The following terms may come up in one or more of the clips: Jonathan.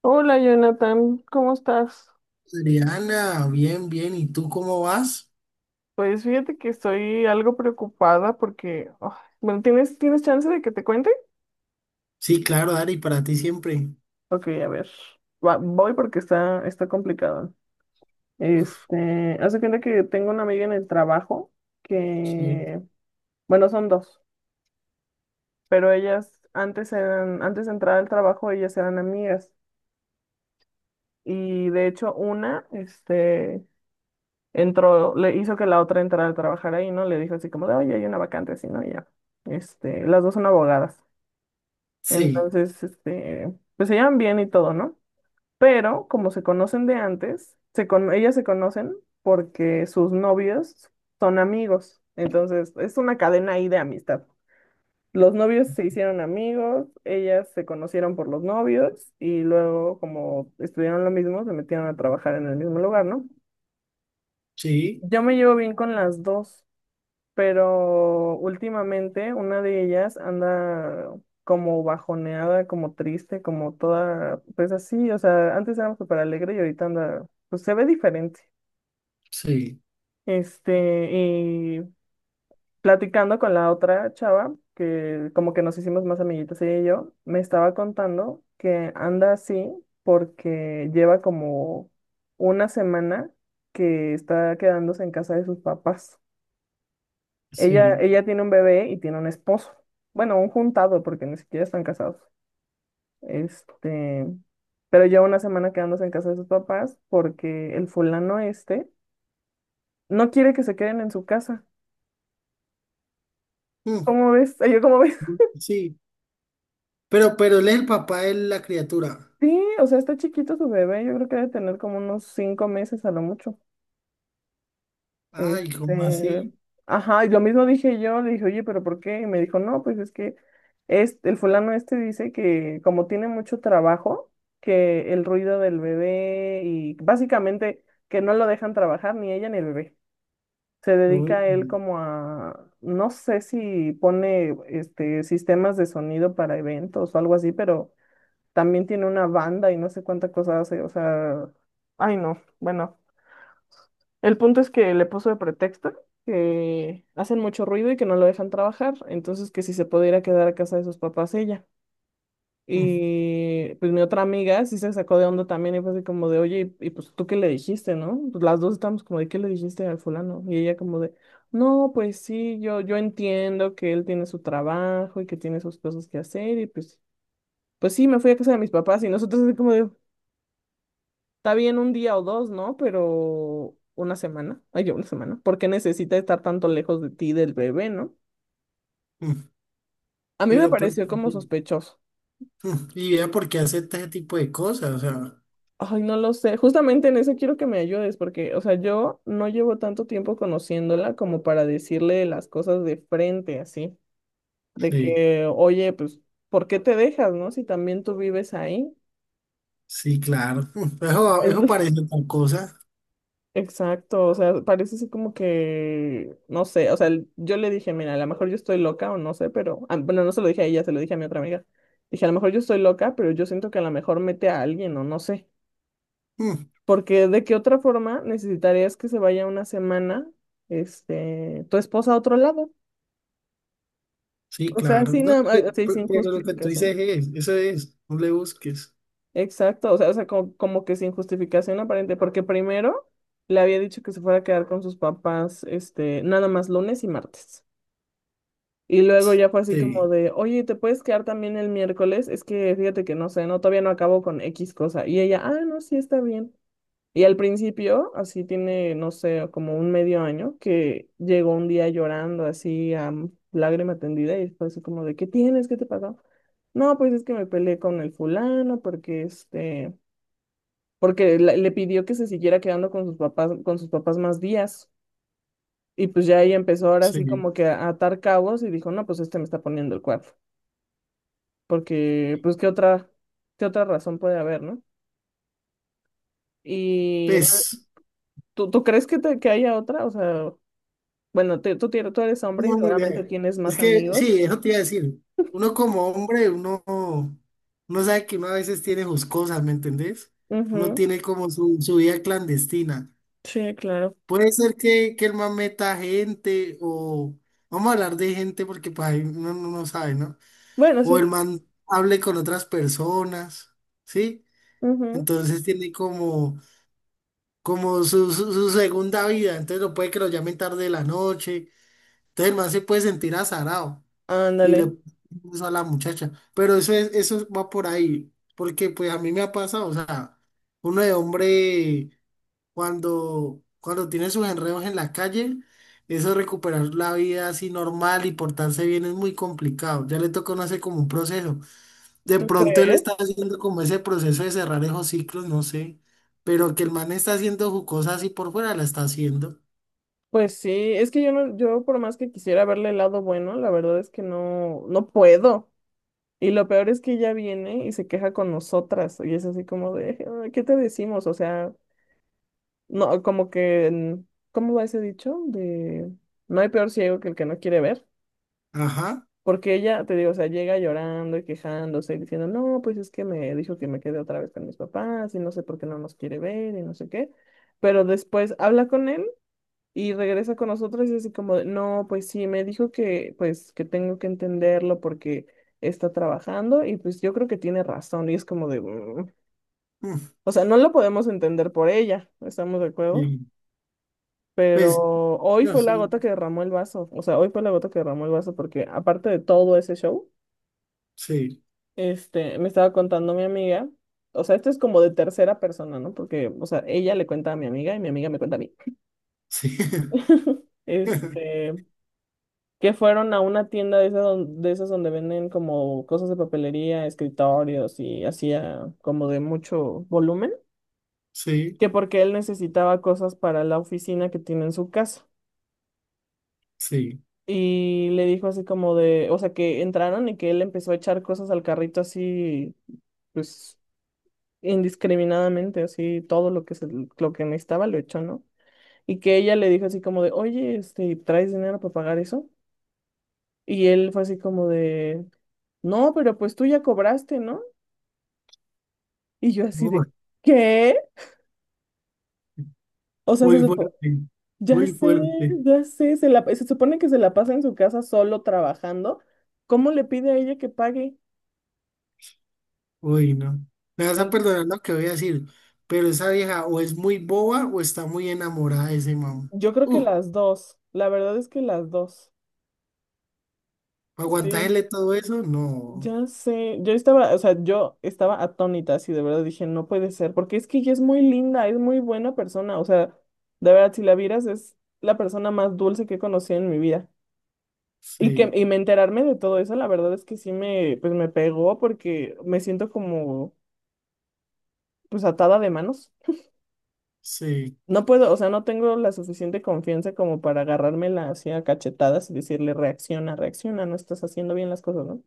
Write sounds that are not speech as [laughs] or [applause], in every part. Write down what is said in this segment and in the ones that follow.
Hola Jonathan, ¿cómo estás? Adriana, bien, bien. ¿Y tú cómo vas? Pues fíjate que estoy algo preocupada porque, bueno, ¿tienes chance de que te cuente? Sí, claro, Dari, para ti siempre. Ok, a ver, voy porque está complicado. Uf, Hace cuenta que tengo una amiga en el trabajo sí, que, bueno, son dos, pero ellas antes eran, antes de entrar al trabajo, ellas eran amigas. Y de hecho, una, entró, le hizo que la otra entrara a trabajar ahí, ¿no? Le dijo así como de, oye, hay una vacante así, ¿no? Y ya, las dos son abogadas. sí, Entonces, pues se llevan bien y todo, ¿no? Pero como se conocen de antes, ellas se conocen porque sus novios son amigos. Entonces, es una cadena ahí de amistad. Los novios se hicieron amigos, ellas se conocieron por los novios y luego como estudiaron lo mismo, se metieron a trabajar en el mismo lugar, ¿no? sí, Yo me llevo bien con las dos. Pero últimamente una de ellas anda como bajoneada, como triste, como toda, pues así, o sea, antes era súper alegre y ahorita anda, pues se ve diferente. sí, Y platicando con la otra chava, que como que nos hicimos más amiguitas ella y yo, me estaba contando que anda así porque lleva como una semana que está quedándose en casa de sus papás. Ella, sí. ella tiene un bebé y tiene un esposo. Bueno, un juntado, porque ni siquiera están casados. Este, pero lleva una semana quedándose en casa de sus papás porque el fulano este no quiere que se queden en su casa. Mm, ¿Cómo ves? [laughs] Ay, yo, ¿cómo ves? [laughs] sí. Pero él es el papá de la criatura. Sí, o sea, está chiquito su bebé. Yo creo que debe tener como unos 5 meses a lo mucho. Ay, ¿cómo Este, así? ajá, y lo mismo dije yo, le dije, oye, pero ¿por qué? Y me dijo, no, pues es que es el fulano este dice que como tiene mucho trabajo, que el ruido del bebé y básicamente que no lo dejan trabajar ni ella ni el bebé. Se Uy, dedica él mm, como a, no sé si pone sistemas de sonido para eventos o algo así, pero también tiene una banda y no sé cuánta cosa hace, o sea, ay no, bueno. El punto es que le puso de pretexto que hacen mucho ruido y que no lo dejan trabajar, entonces que si se pudiera quedar a casa de sus papás ella. mm. Y pues mi otra amiga sí se sacó de onda también y fue así como de, oye, pues tú qué le dijiste, ¿no? Pues las dos estamos como de, ¿qué le dijiste al fulano? Y ella como de, no, pues sí, yo entiendo que él tiene su trabajo y que tiene sus cosas que hacer y pues sí, me fui a casa de mis papás y nosotros así como de, está bien un día o dos, ¿no? Pero una semana, ay, yo una semana, ¿por qué necesita estar tanto lejos de ti del bebé, ¿no? Mm. A mí me Pero, pero, pareció como sí. sospechoso. Y vea por qué acepta ese tipo de cosas. O sea, Ay, no lo sé. Justamente en eso quiero que me ayudes, porque, o sea, yo no llevo tanto tiempo conociéndola como para decirle las cosas de frente, así, de sí, que, oye, pues, ¿por qué te dejas, no? Si también tú vives ahí. sí, claro. [laughs] Eso, eso [laughs] parece tal cosa. Exacto, o sea, parece así como que, no sé, o sea, yo le dije, mira, a lo mejor yo estoy loca o no sé, pero, bueno, no se lo dije a ella, se lo dije a mi otra amiga. Dije, a lo mejor yo estoy loca, pero yo siento que a lo mejor mete a alguien o no sé, Mm, porque de qué otra forma necesitarías que se vaya una semana, tu esposa a otro lado, sí, o sea, claro. sin, No, nada ma- así pero, sin pero lo que tú justificación. dices es, eso es, no le busques. Exacto, o sea, como que sin justificación aparente, porque primero le había dicho que se fuera a quedar con sus papás, nada más lunes y martes. Y luego ya fue así como Sí, de, oye, ¿te puedes quedar también el miércoles? Es que fíjate que no sé, no, todavía no acabo con X cosa. Y ella, ah, no, sí, está bien. Y al principio, así tiene, no sé, como un medio año, que llegó un día llorando así a lágrima tendida y fue así como de, ¿qué tienes? ¿Qué te pasó? No, pues es que me peleé con el fulano porque porque le pidió que se siguiera quedando con sus papás, más días. Y pues ya ella empezó ahora así sí. como que a atar cabos y dijo, no, pues este me está poniendo el cuerno. Porque pues qué otra razón puede haber, ¿no? Y re- Pues, ¿tú crees que haya otra? O sea, bueno, tú eres hombre y no, no, seguramente tienes es más que amigos. sí, eso te iba a decir. Uno como hombre, uno sabe que uno a veces tiene sus cosas, ¿me entendés? Uno Ujú, tiene como su vida clandestina. sí, claro. Puede ser que el man meta gente o vamos a hablar de gente porque pues ahí uno no sabe, ¿no? Bueno, O sí. el man hable con otras personas, ¿sí? Ujú, Entonces tiene como su segunda vida. Entonces no puede que lo llamen tarde de la noche. Entonces el man se puede sentir azarado y le ándale, puso a la muchacha. Pero eso es, eso va por ahí, porque pues a mí me ha pasado, o sea, uno de hombre cuando tiene sus enredos en la calle, eso de recuperar la vida así normal y portarse bien es muy complicado. Ya le toca no hacer como un proceso. De ¿tú pronto él está crees? haciendo como ese proceso de cerrar esos ciclos, no sé. Pero que el man está haciendo su cosa así por fuera, la está haciendo. Pues sí, es que yo no, yo por más que quisiera verle el lado bueno, la verdad es que no, no puedo. Y lo peor es que ella viene y se queja con nosotras. Y es así como de, "Ay, ¿qué te decimos? O sea, no, como que, ¿cómo va ese dicho? De no hay peor ciego que el que no quiere ver. Ajá. Porque ella, te digo, o sea, llega llorando y quejándose y diciendo, no, pues es que me dijo que me quedé otra vez con mis papás y no sé por qué no nos quiere ver y no sé qué. Pero después habla con él y regresa con nosotros y así como, de, no, pues sí, me dijo pues que tengo que entenderlo porque está trabajando y pues yo creo que tiene razón y es como de, "Mm". Mm. O sea, no lo podemos entender por ella, ¿estamos de acuerdo? Y, Pues, Pero hoy fue Dios, la gota que derramó el vaso. O sea, hoy fue la gota que derramó el vaso porque aparte de todo ese show, sí, me estaba contando mi amiga. O sea, esto es como de tercera persona, ¿no? Porque, o sea, ella le cuenta a mi amiga y mi amiga me cuenta a mí. sí, [laughs] [laughs] Este, que fueron a una tienda de esas, de esas donde venden como cosas de papelería, escritorios y hacía como de mucho volumen, sí, que porque él necesitaba cosas para la oficina que tiene en su casa. sí. Y le dijo así como de, o sea, que entraron y que él empezó a echar cosas al carrito así, pues indiscriminadamente, así todo lo que necesitaba lo echó, ¿no? Y que ella le dijo así como de, oye, ¿traes dinero para pagar eso? Y él fue así como de, no, pero pues tú ya cobraste, ¿no? Y yo así de, Uy, ¿qué? O sea, muy fuerte, ya muy sé, fuerte. ya sé, se supone que se la pasa en su casa solo trabajando. ¿Cómo le pide a ella que pague? Uy, no. Me vas a perdonar lo que voy a decir, pero esa vieja o es muy boba o está muy enamorada de ese mamá. Yo creo que Uh, las dos, la verdad es que las dos. Sí, Aguantarle todo eso, no. ya sé, o sea, yo estaba atónita, así de verdad dije, no puede ser, porque es que ella es muy linda, es muy buena persona, o sea, de verdad, si la vieras, es la persona más dulce que he conocido en mi vida. Y que, Sí, y me enterarme de todo eso, la verdad es que sí pues me pegó porque me siento como, pues atada de manos. sí, No puedo, o sea, no tengo la suficiente confianza como para agarrármela así a cachetadas y decirle, reacciona, reacciona, no estás haciendo bien las cosas, ¿no?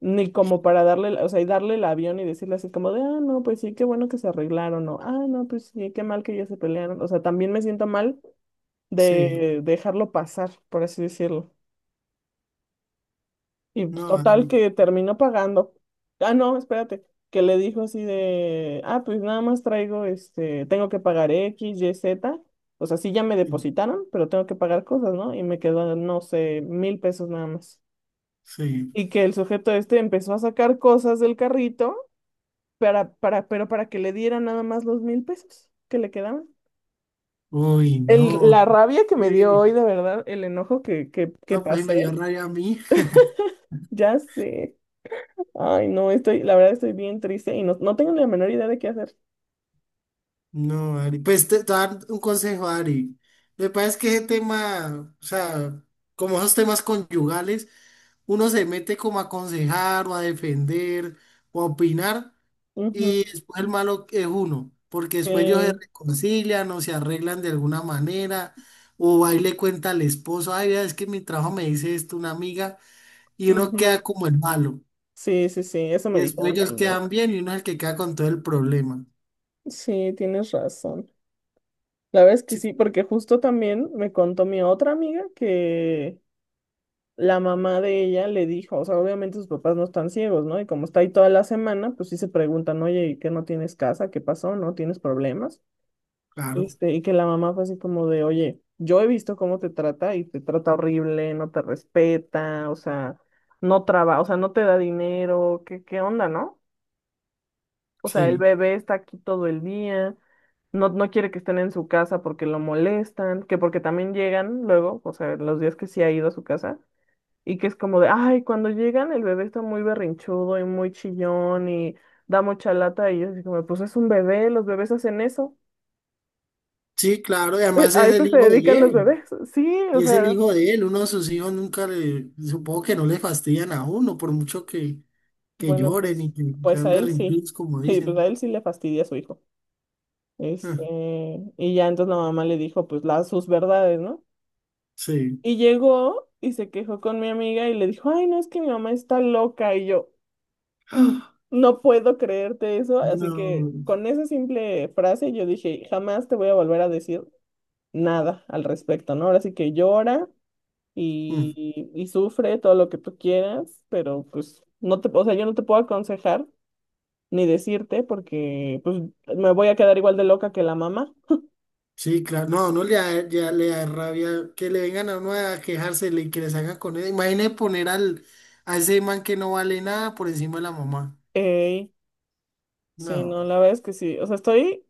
Ni como para darle, o sea, y darle el avión y decirle así como de, ah, no, pues sí, qué bueno que se arreglaron, o, ah, no, pues sí, qué mal que ya se pelearon. O sea, también me siento mal sí. de dejarlo pasar, por así decirlo. Y pues, No, total ay, que terminó pagando. Ah, no, espérate, que le dijo así de, ah, pues nada más traigo, tengo que pagar X, Y, Z. O sea, sí ya me sí. depositaron, pero tengo que pagar cosas, ¿no? Y me quedó, no sé, 1000 pesos nada más. Sí. Y que el sujeto este empezó a sacar cosas del carrito pero para que le diera nada más los 1000 pesos que le quedaban. Uy, El, no. la rabia que me dio Sí. hoy, de verdad, el enojo que No, pues me dio pasé, rabia a mí. ya sé. Ay, no, estoy, la verdad estoy bien triste y no, no tengo ni la menor idea de qué hacer. No, Ari, pues te voy a dar un consejo, Ari. Me parece que ese tema, o sea, como esos temas conyugales, uno se mete como a aconsejar o a defender o a opinar Ujú. y después el malo es uno, porque después ellos se Sí, reconcilian o se arreglan de alguna manera o ahí le cuenta al esposo, ay, vea, es que en mi trabajo me dice esto una amiga y uno queda ujú. como el malo Sí, sí, sí, eso me y después dijeron ellos también. quedan bien y uno es el que queda con todo el problema. Sí, tienes razón. La verdad es que Sí, sí, porque justo también me contó mi otra amiga que la mamá de ella le dijo, o sea, obviamente sus papás no están ciegos, ¿no? Y como está ahí toda la semana, pues sí se preguntan, oye, ¿y qué no tienes casa? ¿Qué pasó? ¿No tienes problemas? claro, Y que la mamá fue así como de, oye, yo he visto cómo te trata y te trata horrible, no te respeta, o sea, no trabaja, o sea, no te da dinero, ¿qué onda, no? O sea, el sí. bebé está aquí todo el día, no, no quiere que estén en su casa porque lo molestan, que porque también llegan luego, o sea, los días que sí ha ido a su casa y que es como de, ay, cuando llegan el bebé está muy berrinchudo y muy chillón y da mucha lata y yo así como, pues es un bebé, los bebés hacen eso. [laughs] Sí, claro, y Eh, además A es eso el se hijo de dedican los él, bebés. Sí, o y es el sea, hijo de él, uno de sus hijos nunca le, supongo que no le fastidian a uno, por mucho que bueno, lloren y pues, que pues sean a él sí. berrinchudos, como Y pues dicen. a él sí le fastidia a su hijo. Ah, Este, y ya entonces la mamá le dijo, pues, las sus verdades, ¿no? sí. Y llegó y se quejó con mi amiga y le dijo, ay, no, es que mi mamá está loca. Y yo, [gasps] Ah, no puedo creerte eso, así que no. con esa simple frase yo dije, jamás te voy a volver a decir nada al respecto, ¿no? Ahora sí que llora Mm, y sufre todo lo que tú quieras, pero pues no te, o sea, yo no te puedo aconsejar ni decirte porque pues me voy a quedar igual de loca que la mamá. sí, claro, no, no le da, ya le da rabia que le vengan a uno a quejarse y que les hagan con él. Imagine poner a ese man que no vale nada por encima de la mamá. Ey, sí, no, No, la verdad es que sí, o sea, estoy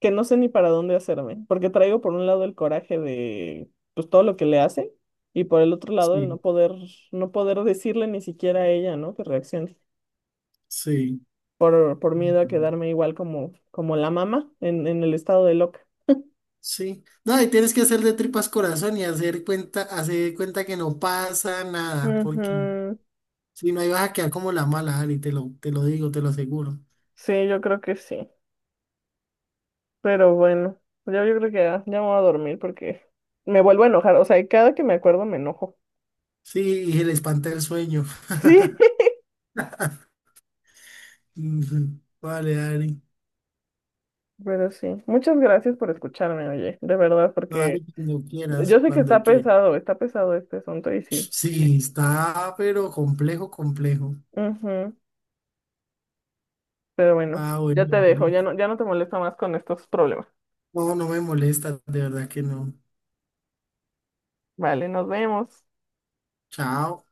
que no sé ni para dónde hacerme, porque traigo por un lado el coraje de pues todo lo que le hace y por el otro lado el no sí, poder no poder decirle ni siquiera a ella, ¿no? que reaccione sí. por miedo a quedarme igual como la mamá en el estado de loca. Sí. No, y tienes que hacer de tripas corazón y hacer cuenta que no pasa nada, porque Ujú. si no, ahí vas a quedar como la mala, Ari, te lo digo, te lo aseguro. Sí, yo creo que sí. Pero bueno, ya yo creo que ya me voy a dormir porque me vuelvo a enojar. O sea, cada que me acuerdo me enojo. Sí, y se le espanta el sueño. [laughs] [laughs] Sí, Ujú. Vale, Ari. pero sí. Muchas gracias por escucharme, oye, de verdad, No, porque Ari, cuando yo quieras, sé que cuando quieras. Está pesado este asunto y sí. Sí, está, pero complejo, complejo. Ujú, pero bueno, Ah, ya te bueno, dejo, Ari. ya no, ya no te molesto más con estos problemas. No, no me molesta, de verdad que no. Vale, nos vemos. Chao.